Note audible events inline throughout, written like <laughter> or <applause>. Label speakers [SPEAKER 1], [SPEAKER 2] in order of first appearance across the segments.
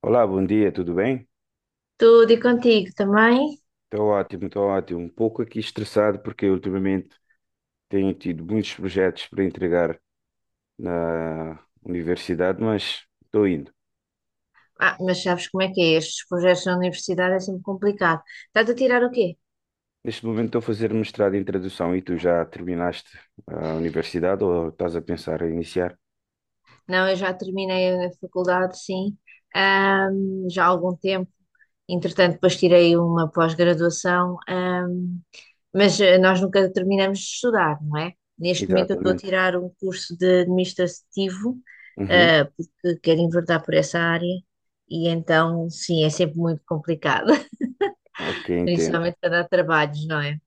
[SPEAKER 1] Olá, bom dia, tudo bem?
[SPEAKER 2] Tudo e contigo também?
[SPEAKER 1] Estou ótimo, estou ótimo. Um pouco aqui estressado porque ultimamente tenho tido muitos projetos para entregar na universidade, mas estou indo.
[SPEAKER 2] Ah, mas sabes como é que é? Estes projetos na universidade é sempre complicado. Estás a tirar o quê?
[SPEAKER 1] Neste momento estou a fazer mestrado em tradução e tu já terminaste a universidade ou estás a pensar em iniciar?
[SPEAKER 2] Não, eu já terminei a faculdade, sim, já há algum tempo. Entretanto, depois tirei uma pós-graduação, mas nós nunca terminamos de estudar, não é? Neste momento eu estou a
[SPEAKER 1] Exatamente.
[SPEAKER 2] tirar um curso de administrativo,
[SPEAKER 1] Uhum.
[SPEAKER 2] porque quero enverdar por essa área, e então, sim, é sempre muito complicado, <laughs>
[SPEAKER 1] Ok, entendo.
[SPEAKER 2] principalmente para dar trabalhos, não é?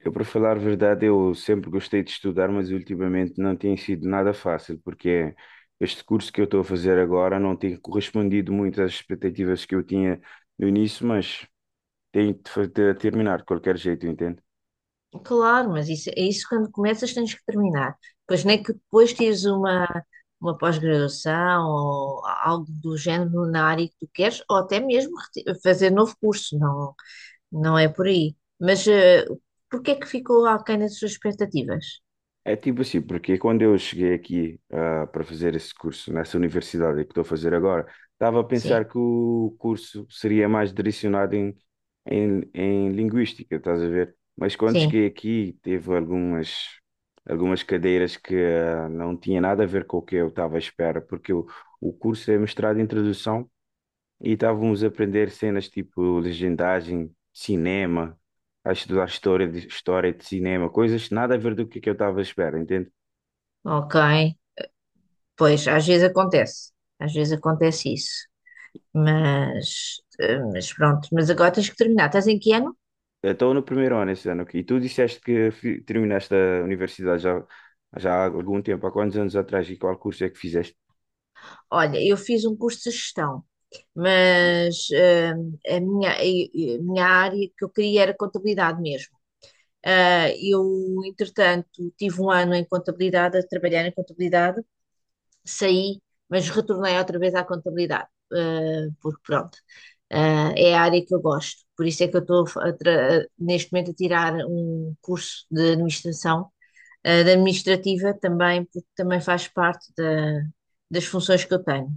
[SPEAKER 1] Eu, para falar a verdade, eu sempre gostei de estudar, mas ultimamente não tem sido nada fácil, porque este curso que eu estou a fazer agora não tem correspondido muito às expectativas que eu tinha no início, mas tenho de terminar de qualquer jeito, entende?
[SPEAKER 2] Claro, mas isso, é isso quando começas tens que terminar. Pois nem que depois tires uma pós-graduação ou algo do género na área que tu queres, ou até mesmo fazer novo curso, não, não é por aí. Mas porque é que ficou aquém das suas expectativas?
[SPEAKER 1] É tipo assim, porque quando eu cheguei aqui para fazer esse curso nessa universidade que estou a fazer agora, estava a pensar
[SPEAKER 2] Sim,
[SPEAKER 1] que o curso seria mais direcionado em linguística, estás a ver? Mas quando
[SPEAKER 2] sim,
[SPEAKER 1] cheguei aqui, teve algumas cadeiras que não tinha nada a ver com o que eu estava à espera, porque o curso é mestrado em tradução e estávamos a aprender cenas tipo legendagem, cinema, a estudar história de cinema, coisas nada a ver que eu estava à espera, entende?
[SPEAKER 2] ok. Pois, às vezes acontece isso. Mas, pronto, mas agora tens que terminar. Estás em que ano?
[SPEAKER 1] Estou no primeiro ano esse ano aqui. E tu disseste que terminaste a universidade já, já há algum tempo, há quantos anos atrás e qual curso é que fizeste?
[SPEAKER 2] Olha, eu fiz um curso de gestão,
[SPEAKER 1] Uhum.
[SPEAKER 2] mas a minha área que eu queria era contabilidade mesmo. Ah, entretanto, tive um ano em contabilidade, a trabalhar em contabilidade, saí, mas retornei outra vez à contabilidade, porque pronto, é a área que eu gosto. Por isso é que eu estou a fa- a tra- neste momento a tirar um curso de administração da administrativa também, porque também faz parte das funções que eu tenho.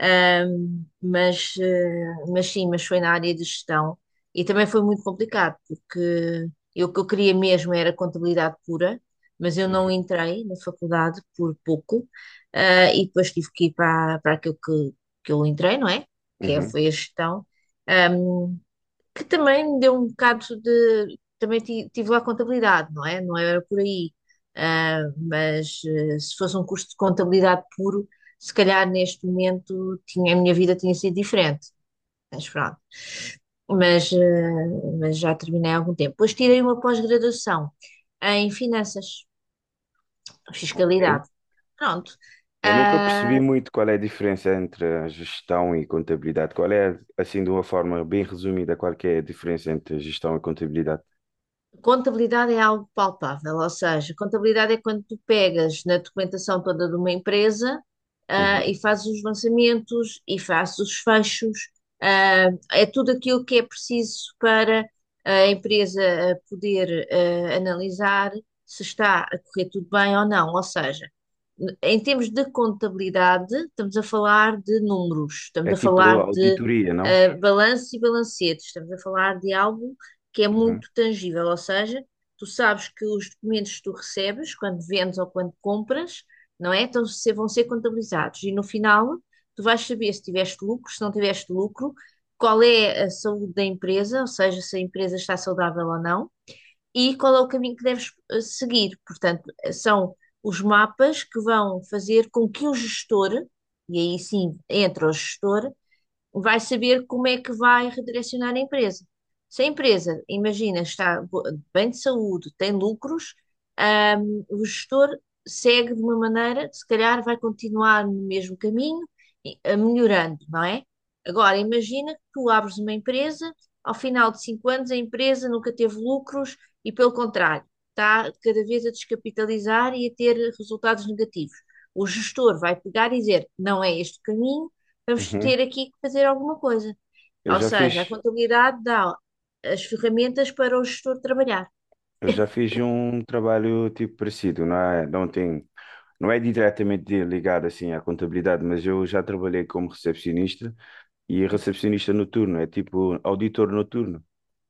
[SPEAKER 2] Ahm, mas, eh, mas sim, mas foi na área de gestão e também foi muito complicado, porque eu, o que eu queria mesmo era contabilidade pura, mas eu não entrei na faculdade por pouco, e depois tive que ir para aquilo que eu entrei, não é? Que é,
[SPEAKER 1] Uhum.
[SPEAKER 2] foi a gestão que também me deu um bocado de. Também tive lá contabilidade, não é? Não era por aí. Ah, mas se fosse um curso de contabilidade puro, se calhar neste momento a minha vida tinha sido diferente. Mas pronto. Mas, eh, mas já terminei há algum tempo. Depois tirei uma pós-graduação em finanças,
[SPEAKER 1] Ok.
[SPEAKER 2] fiscalidade. Pronto.
[SPEAKER 1] Eu nunca percebi
[SPEAKER 2] Ah,
[SPEAKER 1] muito qual é a diferença entre a gestão e contabilidade. Qual é, assim, de uma forma bem resumida, qual que é a diferença entre gestão e contabilidade?
[SPEAKER 2] contabilidade é algo palpável, ou seja, contabilidade é quando tu pegas na documentação toda de uma empresa,
[SPEAKER 1] Uhum.
[SPEAKER 2] e fazes os lançamentos e fazes os fechos, é tudo aquilo que é preciso para a empresa poder analisar se está a correr tudo bem ou não. Ou seja, em termos de contabilidade, estamos a falar de números, estamos
[SPEAKER 1] É
[SPEAKER 2] a
[SPEAKER 1] tipo
[SPEAKER 2] falar de
[SPEAKER 1] auditoria, não?
[SPEAKER 2] balanço e balancetes, estamos a falar de algo que é
[SPEAKER 1] Uhum.
[SPEAKER 2] muito tangível, ou seja, tu sabes que os documentos que tu recebes quando vendes ou quando compras, não é? Então vão ser contabilizados e no final tu vais saber se tiveste lucro, se não tiveste lucro, qual é a saúde da empresa, ou seja, se a empresa está saudável ou não, e qual é o caminho que deves seguir. Portanto, são os mapas que vão fazer com que o gestor, e aí sim entra o gestor, vai saber como é que vai redirecionar a empresa. Se a empresa, imagina, está bem de saúde, tem lucros, o gestor segue de uma maneira, se calhar vai continuar no mesmo caminho, a melhorando, não é? Agora, imagina que tu abres uma empresa, ao final de cinco anos a empresa nunca teve lucros e, pelo contrário, está cada vez a descapitalizar e a ter resultados negativos. O gestor vai pegar e dizer, não é este o caminho, vamos
[SPEAKER 1] Uhum.
[SPEAKER 2] ter aqui que fazer alguma coisa.
[SPEAKER 1] Eu
[SPEAKER 2] Ou
[SPEAKER 1] já
[SPEAKER 2] seja, a
[SPEAKER 1] fiz,
[SPEAKER 2] contabilidade dá as ferramentas para o gestor trabalhar.
[SPEAKER 1] eu já fiz um trabalho tipo parecido, não é, não tem, não é diretamente ligado assim à contabilidade, mas eu já trabalhei como recepcionista e recepcionista noturno, é tipo auditor noturno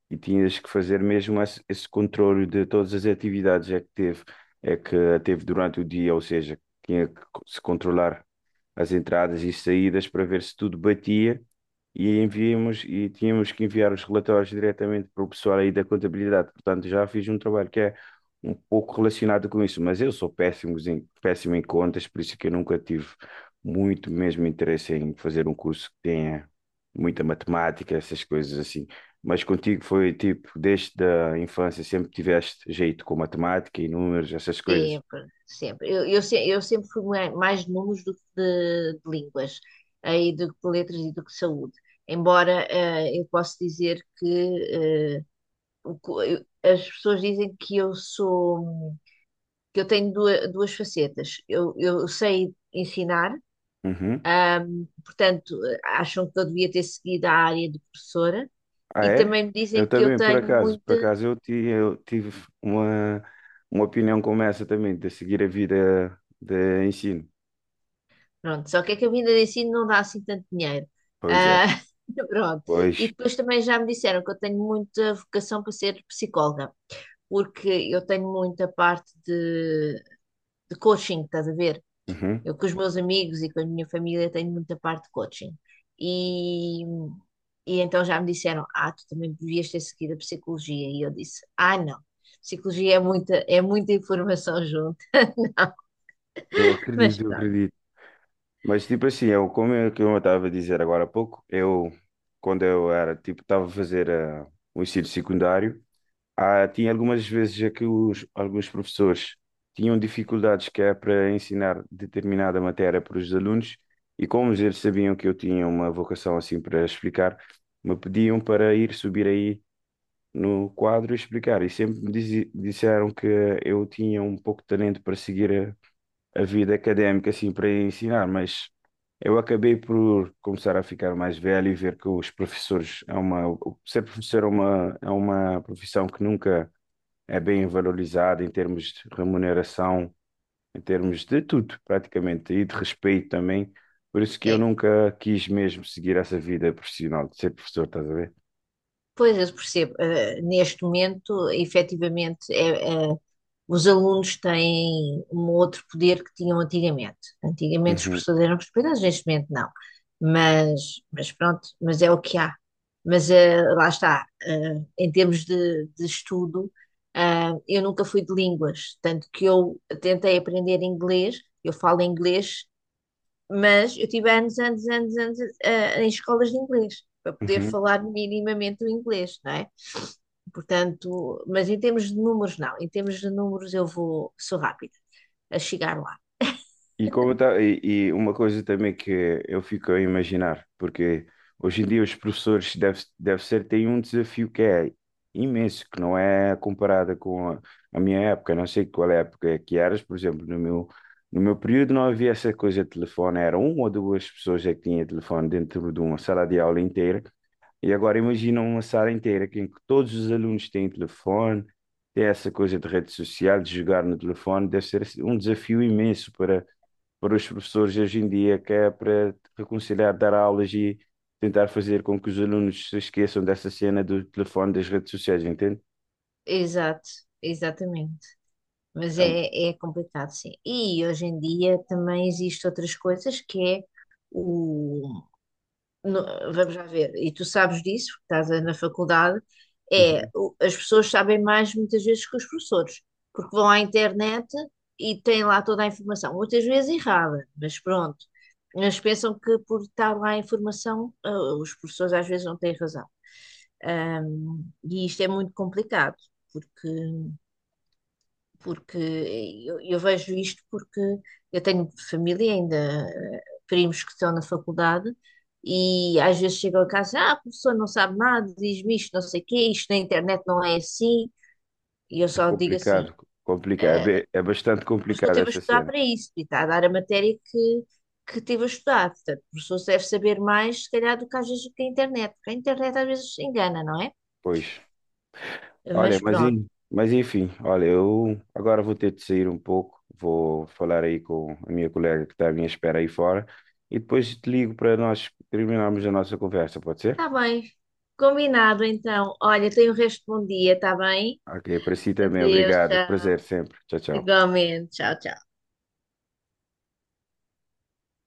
[SPEAKER 1] e tinhas que fazer mesmo esse controle de todas as atividades que teve durante o dia, ou seja, tinha que se controlar as entradas e saídas para ver se tudo batia e enviamos e tínhamos que enviar os relatórios diretamente para o pessoal aí da contabilidade. Portanto, já fiz um trabalho que é um pouco relacionado com isso, mas eu sou péssimo em contas, por isso é que eu nunca tive muito mesmo interesse em fazer um curso que tenha muita matemática, essas coisas assim. Mas contigo foi tipo, desde a infância sempre tiveste jeito com matemática e números, essas coisas.
[SPEAKER 2] Sempre, sempre. Eu, se- eu sempre fui mais de números do que de línguas, aí do que de letras e do que de saúde. Embora eu posso dizer que eh, as pessoas dizem que eu sou, que eu tenho duas facetas. Eu sei ensinar,
[SPEAKER 1] Uhum.
[SPEAKER 2] portanto, acham que eu devia ter seguido a área de professora
[SPEAKER 1] Ah,
[SPEAKER 2] e
[SPEAKER 1] é?
[SPEAKER 2] também me
[SPEAKER 1] Eu
[SPEAKER 2] dizem que eu
[SPEAKER 1] também, por
[SPEAKER 2] tenho
[SPEAKER 1] acaso. Por
[SPEAKER 2] muita.
[SPEAKER 1] acaso eu tive uma, uma opinião como essa também, de seguir a vida de ensino.
[SPEAKER 2] Pronto, só que é que a vinda de ensino não dá assim tanto dinheiro.
[SPEAKER 1] Pois é,
[SPEAKER 2] Ah, <laughs> pronto. E
[SPEAKER 1] pois.
[SPEAKER 2] depois também já me disseram que eu tenho muita vocação para ser psicóloga, porque eu tenho muita parte de coaching, estás a ver?
[SPEAKER 1] Uhum.
[SPEAKER 2] Eu com os meus amigos e com a minha família tenho muita parte de coaching. E, e então já me disseram, ah, tu também devias ter seguido a psicologia. E eu disse, ah, não, psicologia é muita informação junto. <laughs> Não,
[SPEAKER 1] Eu
[SPEAKER 2] mas
[SPEAKER 1] acredito, eu
[SPEAKER 2] pronto,
[SPEAKER 1] acredito. Mas tipo assim, como é que eu estava a dizer agora há pouco, eu, quando eu era, tipo, estava a fazer o ensino secundário. Ah, tinha algumas vezes já que alguns professores tinham dificuldades que é para ensinar determinada matéria para os alunos e, como eles sabiam que eu tinha uma vocação assim para explicar, me pediam para ir subir aí no quadro e explicar. E sempre me disseram que eu tinha um pouco de talento para seguir a vida académica assim para ensinar, mas eu acabei por começar a ficar mais velho e ver que os professores é uma, ser professor é uma profissão que nunca é bem valorizado em termos de remuneração, em termos de tudo, praticamente, e de respeito também. Por isso que eu
[SPEAKER 2] é.
[SPEAKER 1] nunca quis mesmo seguir essa vida profissional de ser professor, estás a ver?
[SPEAKER 2] Pois eu percebo, neste momento, efetivamente, é, os alunos têm um outro poder que tinham antigamente. Antigamente os
[SPEAKER 1] Uhum,
[SPEAKER 2] professores eram respeitados, neste momento não. Mas pronto, mas é o que há. Mas lá está, em termos de estudo, eu nunca fui de línguas, tanto que eu tentei aprender inglês, eu falo inglês, mas eu tive anos, anos, anos, anos em escolas de inglês, para poder
[SPEAKER 1] uhum.
[SPEAKER 2] falar minimamente o inglês, não é? Portanto, mas em termos de números, não. Em termos de números, eu vou, sou rápida a chegar lá.
[SPEAKER 1] E, como tá, e uma coisa também que eu fico a imaginar, porque hoje em dia os professores deve ser têm um desafio que é imenso, que não é comparada com a minha época, não sei qual é a época é que eras. Por exemplo, no meu período não havia essa coisa de telefone, era uma ou duas pessoas é que tinha telefone dentro de uma sala de aula inteira, e agora imagina uma sala inteira em que todos os alunos têm telefone, tem essa coisa de rede social, de jogar no telefone. Deve ser assim um desafio imenso para os professores hoje em dia, que é para reconciliar dar aulas e tentar fazer com que os alunos se esqueçam dessa cena do telefone, das redes sociais, entende?
[SPEAKER 2] Exato, exatamente. Mas
[SPEAKER 1] É, um-.
[SPEAKER 2] é, é complicado, sim. E hoje em dia também existem outras coisas que é o, no- vamos lá ver, e tu sabes disso, porque estás na faculdade, é
[SPEAKER 1] Uhum.
[SPEAKER 2] as pessoas sabem mais muitas vezes que os professores, porque vão à internet e têm lá toda a informação, muitas vezes errada, mas pronto. Mas pensam que por estar lá a informação, os professores às vezes não têm razão. E isto é muito complicado, porque eu vejo isto porque eu tenho família ainda, primos que estão na faculdade, e às vezes chegam a casa, ah, a professora não sabe nada, diz-me isto, não sei o quê, isto na internet não é assim, e eu
[SPEAKER 1] É
[SPEAKER 2] só digo assim,
[SPEAKER 1] complicado, complicado,
[SPEAKER 2] "Ah,
[SPEAKER 1] é bastante
[SPEAKER 2] o professor
[SPEAKER 1] complicado
[SPEAKER 2] teve a
[SPEAKER 1] essa
[SPEAKER 2] estudar
[SPEAKER 1] cena,
[SPEAKER 2] para isso, e está a dar a matéria que teve a estudar, portanto, o professor deve saber mais, se calhar, do que às vezes que a internet, porque a internet às vezes engana, não é?"
[SPEAKER 1] pois. Olha,
[SPEAKER 2] Mas pronto,
[SPEAKER 1] mas enfim, olha, eu agora vou ter de sair um pouco, vou falar aí com a minha colega que está à minha espera aí fora e depois te ligo para nós terminarmos a nossa conversa, pode ser?
[SPEAKER 2] está bem, combinado então, olha, tenho o resto de bom dia, está bem?
[SPEAKER 1] Ok, para si também,
[SPEAKER 2] Adeus,
[SPEAKER 1] obrigado, prazer
[SPEAKER 2] tchau.
[SPEAKER 1] sempre, tchau, tchau.
[SPEAKER 2] Igualmente, tchau, tchau.